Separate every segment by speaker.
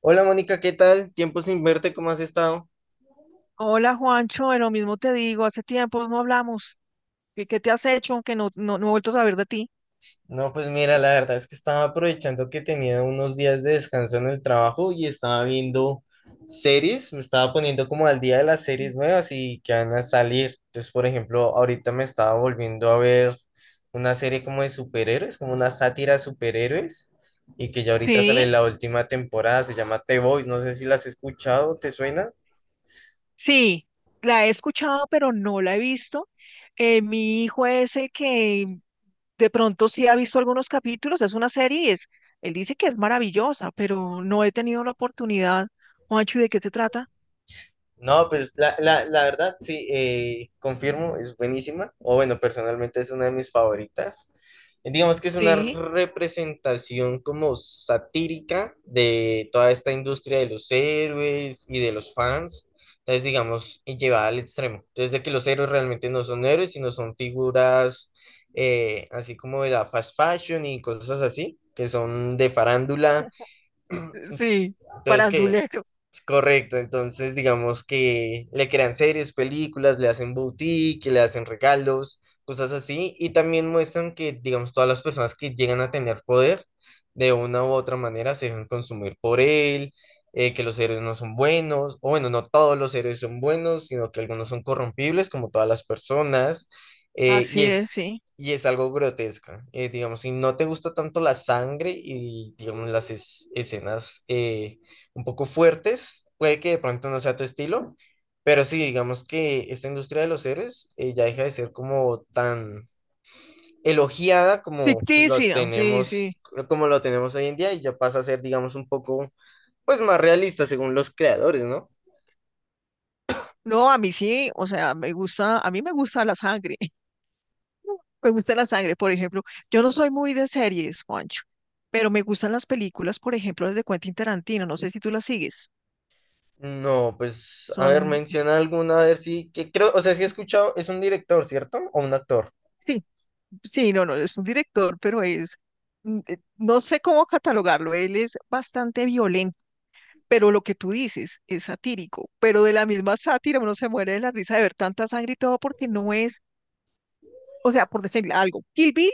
Speaker 1: Hola Mónica, ¿qué tal? Tiempo sin verte, ¿cómo has estado?
Speaker 2: Hola Juancho, de lo mismo te digo, hace tiempo no hablamos. ¿Qué, qué te has hecho? Aunque no, no, no he vuelto a saber de ti.
Speaker 1: No, pues mira, la verdad es que estaba aprovechando que tenía unos días de descanso en el trabajo y estaba viendo series, me estaba poniendo como al día de las series nuevas y que van a salir. Entonces, por ejemplo, ahorita me estaba volviendo a ver una serie como de superhéroes, como una sátira de superhéroes y que ya ahorita sale
Speaker 2: Sí,
Speaker 1: la última temporada, se llama The Boys, no sé si la has escuchado, ¿te suena?
Speaker 2: sí, la he escuchado, pero no la he visto. Mi hijo es el que de pronto sí ha visto algunos capítulos, es una serie, él dice que es maravillosa, pero no he tenido la oportunidad. Juancho, ¿y de qué te trata?
Speaker 1: No, pues la verdad, sí, confirmo, es buenísima, o bueno, personalmente es una de mis favoritas. Digamos que es una
Speaker 2: Sí,
Speaker 1: representación como satírica de toda esta industria de los héroes y de los fans. Entonces, digamos, y llevada al extremo. Entonces, de que los héroes realmente no son héroes, sino son figuras, así como de la fast fashion y cosas así, que son de farándula,
Speaker 2: sí,
Speaker 1: entonces, que
Speaker 2: parandulero.
Speaker 1: es correcto. Entonces, digamos que le crean series, películas, le hacen boutique, le hacen regalos, cosas así. Y también muestran que, digamos, todas las personas que llegan a tener poder, de una u otra manera, se dejan consumir por él, que los héroes no son buenos, o bueno, no todos los héroes son buenos, sino que algunos son corrompibles, como todas las personas. Y
Speaker 2: Así es,
Speaker 1: es.
Speaker 2: sí.
Speaker 1: Y es algo grotesca, digamos, si no te gusta tanto la sangre y, digamos, las escenas, un poco fuertes, puede que de pronto no sea tu estilo, pero sí, digamos que esta industria de los héroes, ya deja de ser como tan elogiada
Speaker 2: Ficticia, sí, sí.
Speaker 1: como lo tenemos hoy en día y ya pasa a ser, digamos, un poco, pues, más realista según los creadores, ¿no?
Speaker 2: No, a mí sí, o sea, me gusta, a mí me gusta la sangre. Me gusta la sangre, por ejemplo. Yo no soy muy de series, Juancho, pero me gustan las películas, por ejemplo, las de Quentin Tarantino. No sé si tú las sigues.
Speaker 1: No, pues, a ver,
Speaker 2: Son,
Speaker 1: menciona alguna, a ver si, que creo, o sea, si he escuchado, es un director, ¿cierto? O un actor.
Speaker 2: sí, sí, no, no, es un director, pero no sé cómo catalogarlo. Él es bastante violento, pero lo que tú dices es satírico. Pero de la misma sátira uno se muere de la risa de ver tanta sangre y todo porque no es, o sea, por decirle algo. Kill Bill,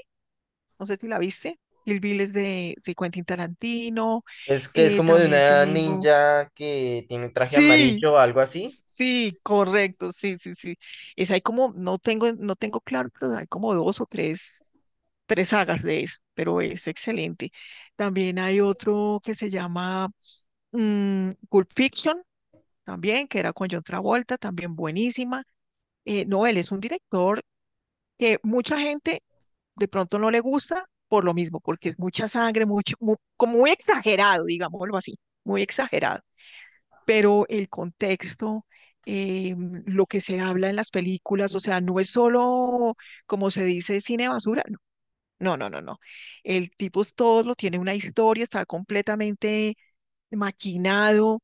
Speaker 2: no sé si la viste. Kill Bill es de Quentin Tarantino.
Speaker 1: Es que es como de
Speaker 2: También
Speaker 1: una
Speaker 2: tenemos...
Speaker 1: ninja que tiene traje
Speaker 2: Sí,
Speaker 1: amarillo o algo así.
Speaker 2: sí, correcto, sí, sí, sí. Es hay como, no tengo, no tengo claro, pero hay como dos o tres, tres sagas de eso, pero es excelente. También hay otro que se llama Pulp Fiction, también, que era con John Travolta, también buenísima. No, él es un director que mucha gente de pronto no le gusta por lo mismo, porque es mucha sangre, como muy exagerado, digámoslo así, muy exagerado, pero el contexto, eh, lo que se habla en las películas, o sea, no es solo, como se dice, cine basura, no, no, no, no, no. El tipo es todo, lo tiene una historia, está completamente maquinado.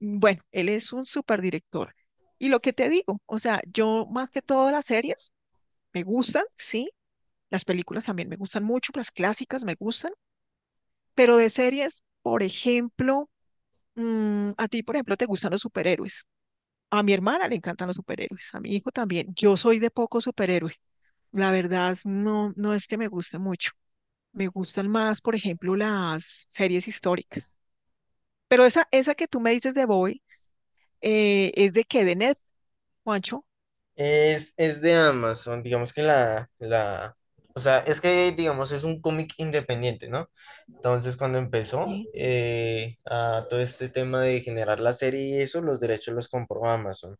Speaker 2: Bueno, él es un superdirector. Y lo que te digo, o sea, yo más que todas las series me gustan, sí, las películas también me gustan mucho, las clásicas me gustan, pero de series, por ejemplo, a ti, por ejemplo, te gustan los superhéroes. A mi hermana le encantan los superhéroes, a mi hijo también. Yo soy de poco superhéroe. La verdad, no, no es que me guste mucho. Me gustan más, por ejemplo, las series históricas. Pero esa que tú me dices de Boys, es de que de Net, Juancho.
Speaker 1: Es de Amazon, digamos que o sea, es que digamos es un cómic independiente, ¿no? Entonces, cuando empezó,
Speaker 2: Sí.
Speaker 1: a todo este tema de generar la serie y eso, los derechos los compró Amazon.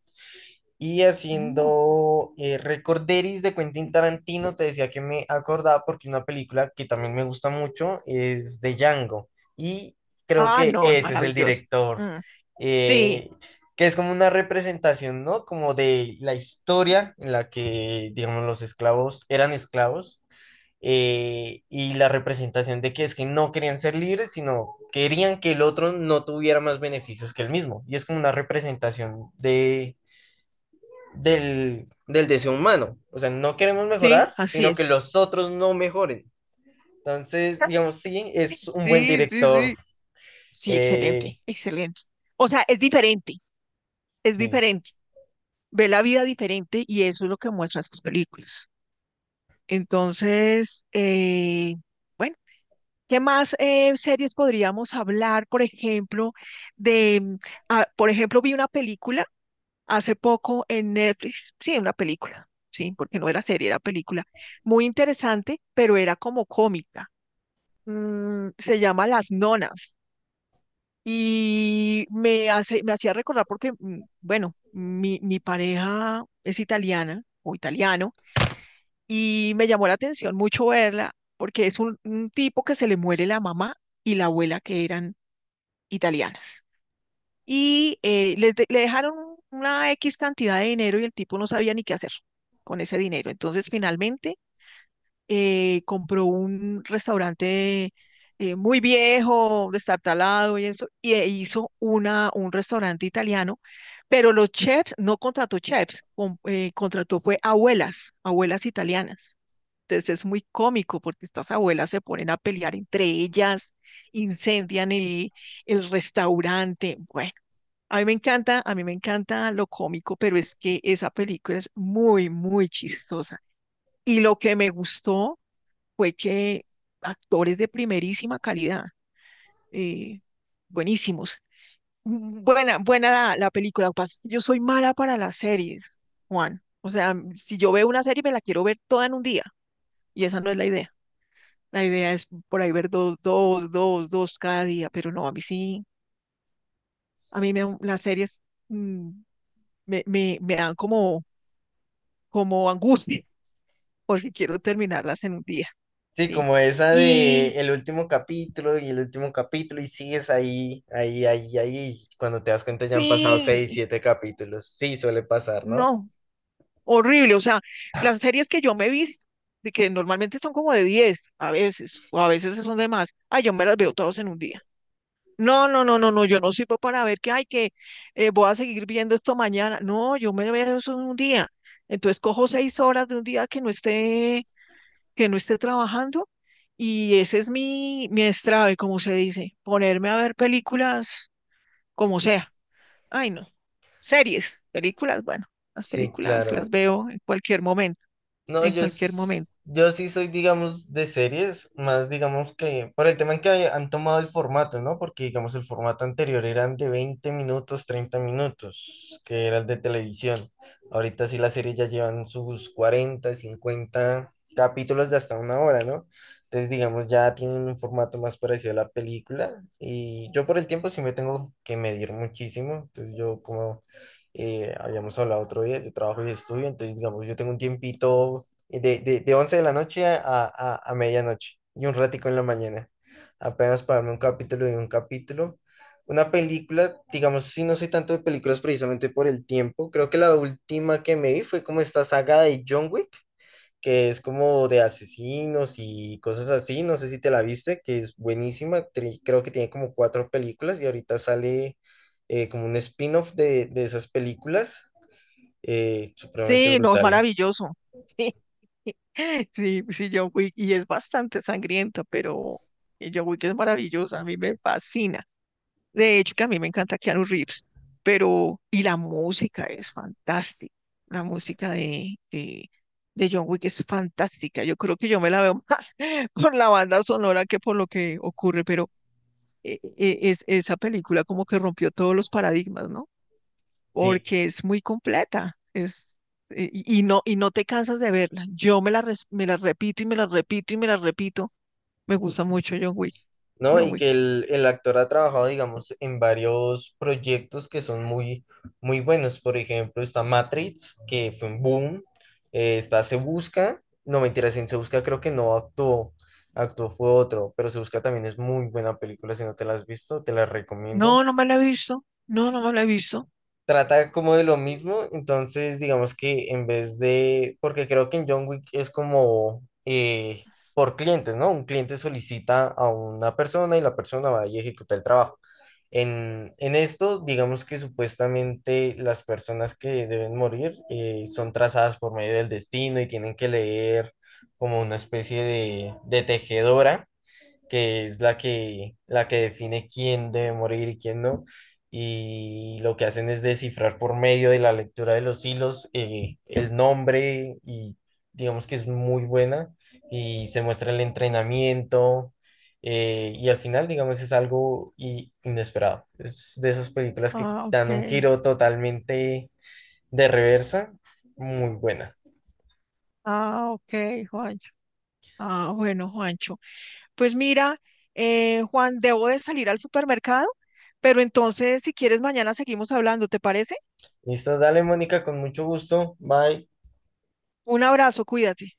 Speaker 1: Y
Speaker 2: Mm.
Speaker 1: haciendo, Recorderis de Quentin Tarantino, te decía que me acordaba porque una película que también me gusta mucho es de Django. Y creo
Speaker 2: Ah,
Speaker 1: que
Speaker 2: no, es
Speaker 1: ese es el
Speaker 2: maravilloso.
Speaker 1: director,
Speaker 2: Mm. Sí,
Speaker 1: eh, que es como una representación, ¿no? Como de la historia en la que, digamos, los esclavos eran esclavos, y la representación de que es que no querían ser libres, sino querían que el otro no tuviera más beneficios que el mismo. Y es como una representación del deseo humano. O sea, no queremos
Speaker 2: sí,
Speaker 1: mejorar,
Speaker 2: así
Speaker 1: sino que
Speaker 2: es.
Speaker 1: los otros no mejoren. Entonces, digamos, sí, es un buen
Speaker 2: Sí, sí,
Speaker 1: director.
Speaker 2: sí. Sí, excelente,
Speaker 1: eh,
Speaker 2: excelente. O sea, es diferente, es
Speaker 1: sí.
Speaker 2: diferente. Ve la vida diferente y eso es lo que muestran sus películas. Entonces, bueno, ¿qué más series podríamos hablar? Por ejemplo, de, mm, ah, por ejemplo, vi una película hace poco en Netflix, sí, una película, sí, porque no era serie, era película, muy interesante, pero era como cómica. Se llama Las Nonas y me hace, me hacía recordar porque, bueno, mi pareja es italiana o italiano. Y me llamó la atención mucho verla porque es un tipo que se le muere la mamá y la abuela que eran italianas. Y le dejaron una X cantidad de dinero y el tipo no sabía ni qué hacer con ese dinero. Entonces, finalmente compró un restaurante muy viejo, destartalado y eso, y e hizo un restaurante italiano, pero los chefs, no contrató chefs, contrató fue abuelas, abuelas italianas. Entonces es muy cómico porque estas abuelas se ponen a pelear entre ellas, incendian el restaurante. Bueno, a mí me encanta, a mí me encanta lo cómico, pero es que esa película es muy, muy chistosa. Y lo que me gustó fue que actores de primerísima calidad, eh, buenísimos. Buena, buena la película. Yo soy mala para las series, Juan. O sea, si yo veo una serie, me la quiero ver toda en un día. Y esa no es la idea. La idea es por ahí ver dos cada día. Pero no, a mí sí, a mí me, las series mm, me dan como, como angustia, porque quiero terminarlas en un día.
Speaker 1: Sí,
Speaker 2: Sí.
Speaker 1: como esa de
Speaker 2: Y
Speaker 1: el último capítulo y el último capítulo y sigues ahí, ahí, ahí, ahí. Cuando te das cuenta ya han pasado seis,
Speaker 2: sí,
Speaker 1: siete capítulos. Sí, suele pasar, ¿no?
Speaker 2: no, horrible. O sea, las series que yo me vi, de que normalmente son como de 10, a veces, o a veces son de más, ay, yo me las veo todas en un día. No, no, no, no, no, yo no sirvo para ver que, ay, que voy a seguir viendo esto mañana. No, yo me veo eso en un día. Entonces cojo 6 horas de un día que no esté trabajando y ese es mi, mi estrave, como se dice, ponerme a ver películas como sea. Ay, no, series, películas, bueno, las
Speaker 1: Sí,
Speaker 2: películas las
Speaker 1: claro.
Speaker 2: veo en cualquier momento
Speaker 1: No,
Speaker 2: en
Speaker 1: yo,
Speaker 2: cualquier
Speaker 1: s-
Speaker 2: momento.
Speaker 1: yo sí soy, digamos, de series, más digamos que por el tema en que han tomado el formato, ¿no? Porque, digamos, el formato anterior eran de 20 minutos, 30 minutos, que era el de televisión. Ahorita sí las series ya llevan sus 40 50 capítulos de hasta una hora, ¿no? Entonces, digamos, ya tienen un formato más parecido a la película. Y yo por el tiempo sí me tengo que medir muchísimo. Entonces, yo como, habíamos hablado otro día, yo trabajo y estudio, entonces digamos, yo tengo un tiempito de 11 de la noche a, medianoche y un ratico en la mañana, apenas para verme un capítulo y un capítulo. Una película, digamos, sí, no soy tanto de películas precisamente por el tiempo, creo que la última que me vi fue como esta saga de John Wick, que es como de asesinos y cosas así. No sé si te la viste, que es buenísima. Creo que tiene como cuatro películas y ahorita sale, como un spin-off de esas películas. Supremamente
Speaker 2: Sí, no, es
Speaker 1: brutal.
Speaker 2: maravilloso. Sí, sí, sí, John Wick, y es bastante sangrienta, pero John Wick es maravillosa, a mí me fascina. De hecho, que a mí me encanta Keanu Reeves, pero, y la música es fantástica, la música de John Wick es fantástica, yo creo que yo me la veo más por la banda sonora que por lo que ocurre, pero es, esa película como que rompió todos los paradigmas, ¿no?
Speaker 1: Sí,
Speaker 2: Porque es muy completa, es, y no te cansas de verla. Yo me la, me la repito y me la repito y me la repito. Me gusta mucho John Wick,
Speaker 1: ¿no?
Speaker 2: John
Speaker 1: Y
Speaker 2: Wick.
Speaker 1: que el actor ha trabajado, digamos, en varios proyectos que son muy, muy buenos. Por ejemplo, está Matrix, que fue un boom. Está Se Busca. No, mentiras, en Se Busca creo que no actuó. Actuó fue otro, pero Se Busca también es muy buena película. Si no te la has visto, te la
Speaker 2: No,
Speaker 1: recomiendo.
Speaker 2: no me la he visto. No, no me la he visto.
Speaker 1: Trata como de lo mismo, entonces digamos que en vez de, porque creo que en John Wick es como, por clientes, ¿no? Un cliente solicita a una persona y la persona va a ejecutar el trabajo. En esto, digamos que supuestamente las personas que deben morir, son trazadas por medio del destino y tienen que leer como una especie de tejedora que es la que define quién debe morir y quién no. Y lo que hacen es descifrar por medio de la lectura de los hilos, el nombre y digamos que es muy buena y se muestra el entrenamiento, y al final digamos es algo inesperado. Es de esas películas que
Speaker 2: Ah, ok.
Speaker 1: dan un giro totalmente de reversa, muy buena.
Speaker 2: Ah, ok, Juancho. Ah, bueno, Juancho. Pues mira, Juan, debo de salir al supermercado, pero entonces si quieres mañana seguimos hablando, ¿te parece?
Speaker 1: Listo, dale Mónica, con mucho gusto. Bye.
Speaker 2: Un abrazo, cuídate.